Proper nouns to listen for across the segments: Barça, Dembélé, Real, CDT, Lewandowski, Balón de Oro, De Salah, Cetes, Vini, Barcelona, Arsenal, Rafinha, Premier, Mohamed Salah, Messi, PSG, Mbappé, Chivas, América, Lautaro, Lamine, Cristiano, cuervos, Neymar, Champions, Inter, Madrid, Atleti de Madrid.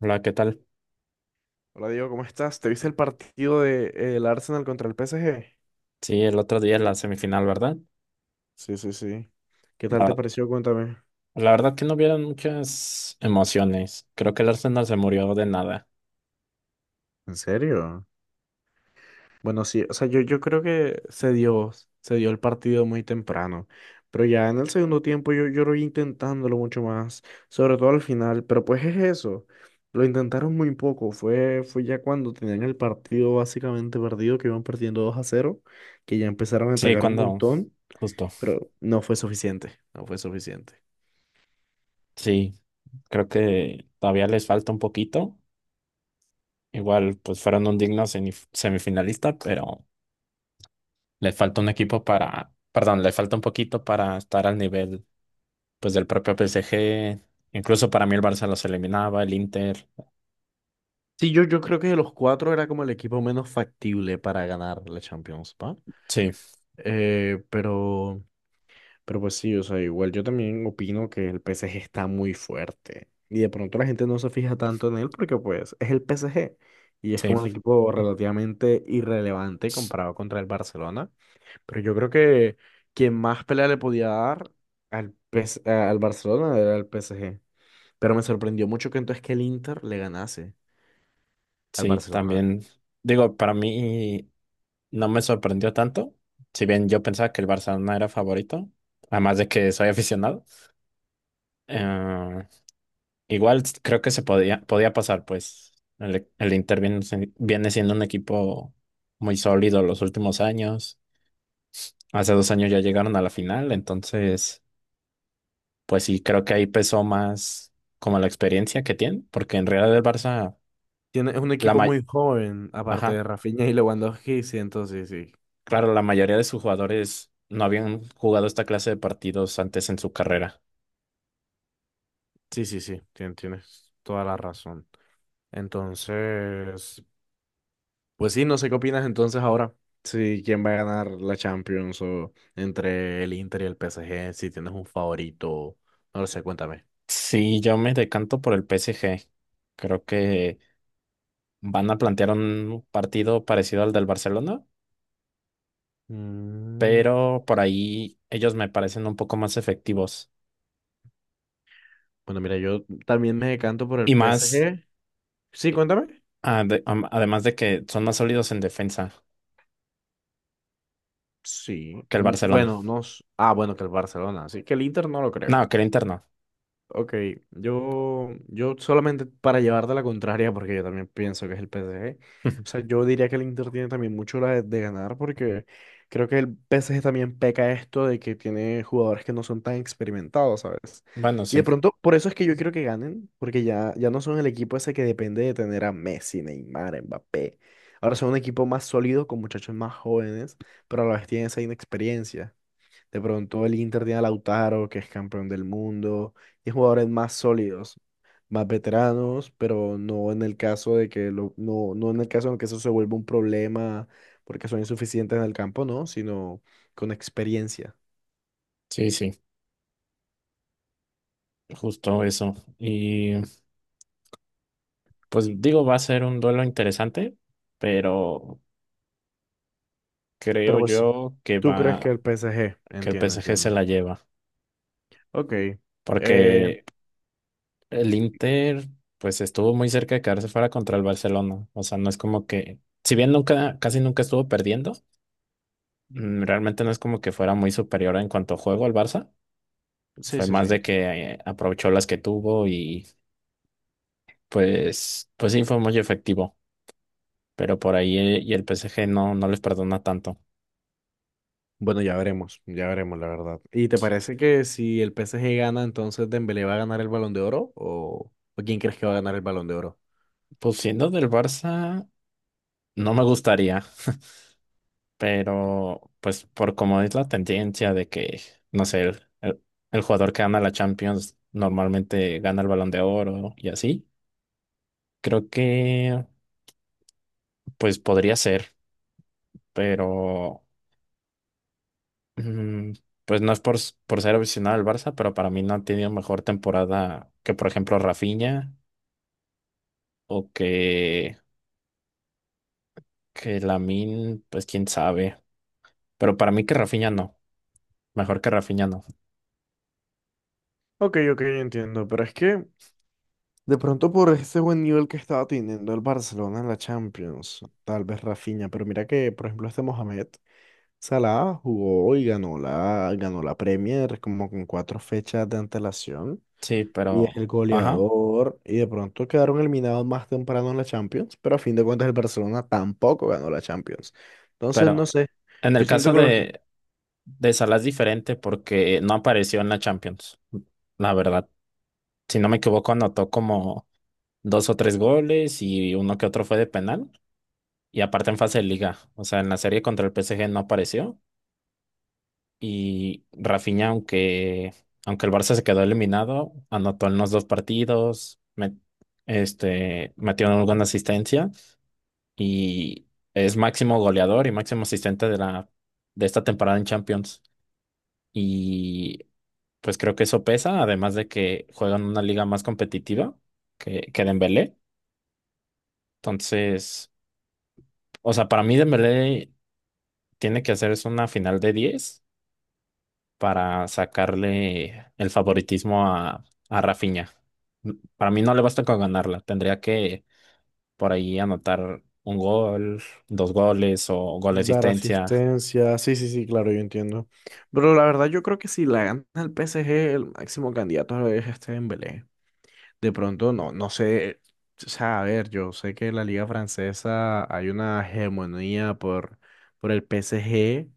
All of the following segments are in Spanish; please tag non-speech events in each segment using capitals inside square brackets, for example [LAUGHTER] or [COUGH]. Hola, ¿qué tal? Hola Diego, ¿cómo estás? ¿Te viste el partido de, el Arsenal contra el PSG? Sí, el otro día la semifinal, ¿verdad? Sí, sí, sí. ¿Qué tal La, te ver- pareció? Cuéntame. la verdad que no hubieron muchas emociones. Creo que el Arsenal se murió de nada. ¿En serio? Bueno, sí, o sea, yo creo que se dio el partido muy temprano, pero ya en el segundo tiempo yo lo vi intentándolo mucho más, sobre todo al final, pero pues es eso, lo intentaron muy poco, fue ya cuando tenían el partido básicamente perdido, que iban perdiendo 2-0, que ya empezaron a Sí, atacar un cuando, montón, justo. pero no fue suficiente, no fue suficiente. Sí, creo que todavía les falta un poquito. Igual, pues fueron un digno semifinalista, pero les falta un equipo para, perdón, les falta un poquito para estar al nivel, pues, del propio PSG. Incluso para mí el Barça los eliminaba, el Inter. Sí, yo creo que de los cuatro era como el equipo menos factible para ganar la Champions, ¿va? Sí, Eh, pero, pero pues sí, o sea, igual yo también opino que el PSG está muy fuerte. Y de pronto la gente no se fija tanto en él porque pues es el PSG. Y es sí, como un equipo relativamente irrelevante comparado contra el Barcelona. Pero yo creo que quien más pelea le podía dar al Barcelona era el PSG. Pero me sorprendió mucho que entonces que el Inter le ganase al sí, Barcelona. también. Digo, para mí. No me sorprendió tanto, si bien yo pensaba que el Barcelona era favorito, además de que soy [LAUGHS] aficionado. Eh, igual creo que se podía pasar, pues el Inter viene, viene siendo un equipo muy sólido los últimos años. Hace 2 años ya llegaron a la final, entonces, pues sí, creo que ahí pesó más como la experiencia que tienen, porque en realidad el Barça, Tiene, es un la equipo may- muy joven, aparte ajá, de Rafinha y Lewandowski, sí, entonces sí. claro, la mayoría de sus jugadores no habían jugado esta clase de partidos antes en su carrera. Sí, sí, sí, tienes toda la razón. Entonces, pues sí, no sé qué opinas entonces ahora. Si quién va a ganar la Champions o entre el Inter y el PSG, si tienes un favorito, no lo sé, cuéntame. Sí, yo me decanto por el PSG. Creo que van a plantear un partido parecido al del Barcelona, Mm, pero por ahí ellos me parecen un poco más efectivos bueno, mira, yo también me decanto por el y más, PSG. Sí, eh, cuéntame. Además de que son más sólidos en defensa Sí. que el Mm, Barcelona. bueno, no. Ah, bueno, que el Barcelona. Así que el Inter no lo creo. No, que el interno. Ok, yo solamente para llevarte la contraria, porque yo también pienso que es el PSG. O sea, [LAUGHS] yo diría que el Inter tiene también mucho la de ganar, porque creo que el PSG también peca esto de que tiene jugadores que no son tan experimentados, ¿sabes? Bueno, Y de sí, pronto, por eso es que yo quiero que ganen, porque ya no son el equipo ese que depende de tener a Messi, Neymar, Mbappé. Ahora son un equipo más sólido, con muchachos más jóvenes, pero a la vez tienen esa inexperiencia. De pronto el Inter tiene a Lautaro, que es campeón del mundo, y jugadores más sólidos, más veteranos, pero no en el caso de que lo, no, no en el caso de que eso se vuelva un problema porque son insuficientes en el campo, no, sino con experiencia. sí, sí, justo eso. Y pues digo, va a ser un duelo interesante, pero Pero creo pues, yo que ¿tú crees que va, el PSG? que el Entiendo, PSG se entiendo. la lleva, Ok. eh, porque el Inter, pues estuvo muy cerca de quedarse fuera contra el Barcelona. O sea, no es como que, si bien nunca, casi nunca estuvo perdiendo, realmente no es como que fuera muy superior en cuanto a juego al Barça. sí, Fue sí, sí, más de entiendo. que aprovechó las que tuvo y pues, pues sí fue muy efectivo. Pero por ahí y el PSG no, no les perdona tanto. Bueno, ya veremos, la verdad. ¿Y te parece que si el PSG gana, entonces Dembélé va a ganar el Balón de Oro? ¿O quién crees que va a ganar el Balón de Oro? Pues siendo del Barça, no me gustaría. Pero, pues, por como es la tendencia de que, no sé, el jugador que gana la Champions normalmente gana el Balón de Oro y así, creo que, pues, podría ser, pero, mm, pues, no es por ser aficionado al Barça, pero para mí no ha tenido mejor temporada que, por ejemplo, Rafinha o que Lamine, pues, quién sabe. Pero para mí que Rafinha no, mejor que Rafinha no. Ok, ok, entiendo, pero es que de pronto por ese buen nivel que estaba teniendo el Barcelona en la Champions, tal vez Rafinha, pero mira que, por ejemplo, este Mohamed Salah jugó y ganó la Premier como con cuatro fechas de antelación Sí, y es pero, el ajá, goleador y de pronto quedaron eliminados más temprano en la Champions, pero a fin de cuentas el Barcelona tampoco ganó la Champions. Entonces, no pero. sé, En yo el siento caso que los. de, de Salah es diferente porque no apareció en la Champions, la verdad. Si no me equivoco, anotó como dos o tres goles y uno que otro fue de penal. Y aparte en fase de liga, o sea, en la serie contra el PSG no apareció. Y Rafinha, aunque el Barça se quedó eliminado, anotó en los dos partidos, metió alguna asistencia y es máximo goleador y máximo asistente de la, de esta temporada en Champions. Y pues creo que eso pesa, además de que juegan una liga más competitiva que Dembélé. Entonces, o sea, para mí Dembélé tiene que hacerse una final de 10 para sacarle el favoritismo a Rafinha. Para mí no le basta con ganarla, tendría que por ahí anotar un gol, dos goles o gol de Dar asistencia. asistencia, sí, sí, sí, claro, yo entiendo. Pero la verdad yo creo que si la gana el PSG, el máximo candidato es este Dembélé. De pronto, no, no sé, o sea, a ver, yo sé que en la liga francesa hay una hegemonía por el PSG,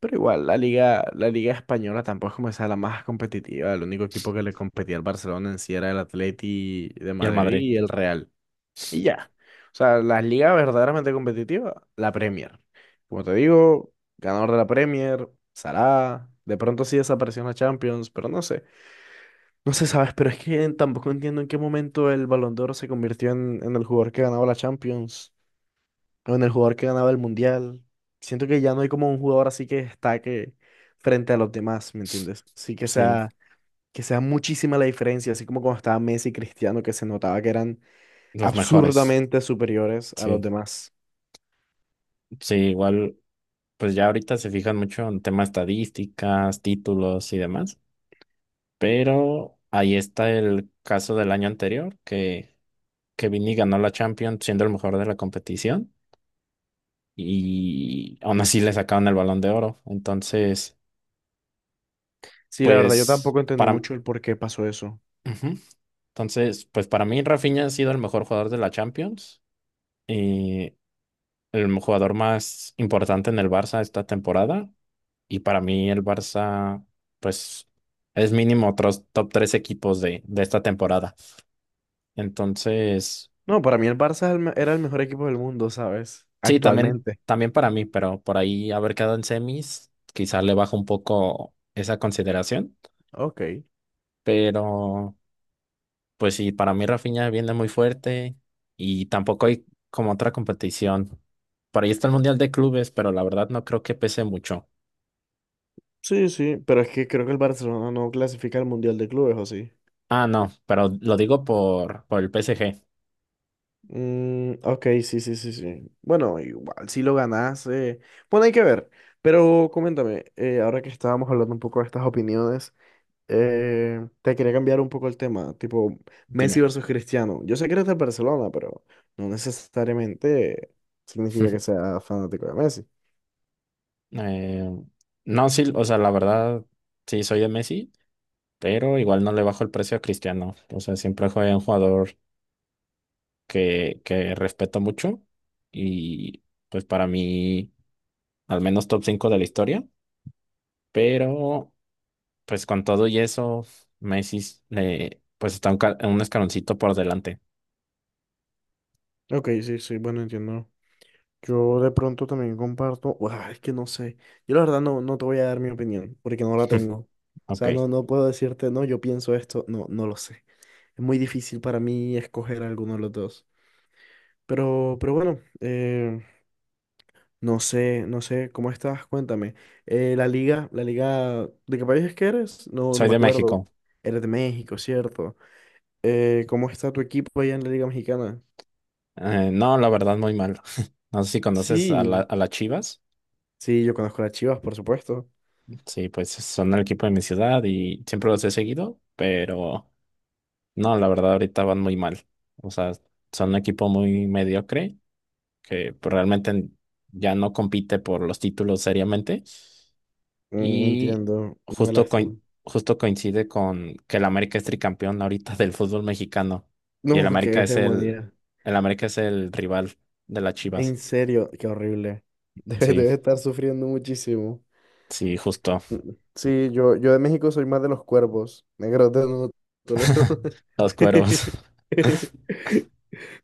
pero igual la liga española tampoco es como esa la más competitiva. El único equipo que le competía al Barcelona en sí era el Atleti de Y el Madrid Madrid, y el Real. Y ya. O sea, las ligas verdaderamente competitivas, la Premier. Como te digo, ganador de la Premier, Salah. De pronto sí desapareció en la Champions, pero no sé. No sé, ¿sabes? Pero es que tampoco entiendo en qué momento el Balón de Oro se convirtió en el jugador que ganaba la Champions o en el jugador que ganaba el Mundial. Siento que ya no hay como un jugador así que destaque frente a los demás, ¿me entiendes? Sí que sí, sea, que sea muchísima la diferencia, así como cuando estaba Messi y Cristiano, que se notaba que eran los mejores. absurdamente superiores a los Sí, demás. sí, igual. Pues ya ahorita se fijan mucho en temas estadísticas, títulos y demás, pero ahí está el caso del año anterior, que Vini ganó la Champions siendo el mejor de la competición y aún así le sacaron el Balón de Oro. Entonces, Sí, la verdad, yo pues tampoco entendí para, mucho el por qué pasó eso. ujú. Entonces, pues para mí Rafinha ha sido el mejor jugador de la Champions y el jugador más importante en el Barça esta temporada. Y para mí el Barça, pues, es mínimo otros top tres equipos de esta temporada. Entonces, No, para mí el Barça era el mejor equipo del mundo, ¿sabes? sí, también, Actualmente. también para mí, pero por ahí haber quedado en semis, quizás le baja un poco esa consideración. Ok. Pero, pues sí, para mí Rafinha viene muy fuerte y tampoco hay como otra competición. Por ahí está el Mundial de Clubes, pero la verdad no creo que pese mucho. Sí, sí, pero es que creo que el Barcelona no clasifica al Mundial de Clubes, ¿o sí? Ah, no, pero lo digo por el PSG. Mm, ok, sí, sí, sí, sí. Bueno, igual si lo ganas, bueno, hay que ver. Pero coméntame, ahora que estábamos hablando un poco de estas opiniones. Te quería cambiar un poco el tema, tipo Messi Dime. versus Cristiano. Yo sé que eres de Barcelona, pero no necesariamente significa que [LAUGHS] sea fanático de Messi. Eh, no, sí, o sea, la verdad, sí soy de Messi, pero igual no le bajo el precio a Cristiano. O sea, siempre fue un jugador que respeto mucho y pues para mí, al menos top 5 de la historia, pero pues con todo y eso, Messi le, pues está un escaloncito por delante. Ok, sí, sí, bueno, entiendo. Yo de pronto también comparto, es que no sé. Yo la verdad no te voy a dar mi opinión, porque no la tengo. [LAUGHS] O Ok, sea, no, no puedo decirte, no, yo pienso esto, no, no lo sé. Es muy difícil para mí escoger alguno de los dos. Pero bueno, no sé, no sé, ¿cómo estás? Cuéntame. La liga, ¿de qué país es que eres? No, no soy me de acuerdo. México. Eres de México, ¿cierto? ¿Cómo está tu equipo allá en la liga mexicana? No, la verdad, muy mal. [LAUGHS] No sé si conoces a la, Sí, a las Chivas. sí, yo conozco a las Chivas, por supuesto. Sí, pues son el equipo de mi ciudad y siempre los he seguido, pero no, la verdad ahorita van muy mal. O sea, son un equipo muy mediocre que pues, realmente ya no compite por los títulos seriamente Mm, no y entiendo, una justo, lástima. [LAUGHS] Justo coincide con que el América es tricampeón ahorita [LAUGHS] del fútbol mexicano y No, qué hegemonía. el América es el rival de las Chivas. En serio, qué horrible. [LAUGHS] Debe, Sí, debe estar sufriendo muchísimo. sí, justo. Mm, sí, yo de México soy más de los cuervos. Negro, te no Toledo. [LAUGHS] Los cueros. [LAUGHS]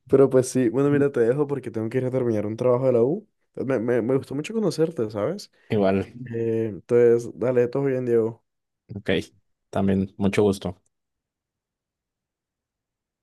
Pero pues sí, bueno, mira, te dejo porque tengo que ir a terminar un trabajo de la U. Me gustó mucho conocerte, ¿sabes? [LAUGHS] Igual. Entonces, dale, todo bien, Diego. Ok, también, mucho gusto.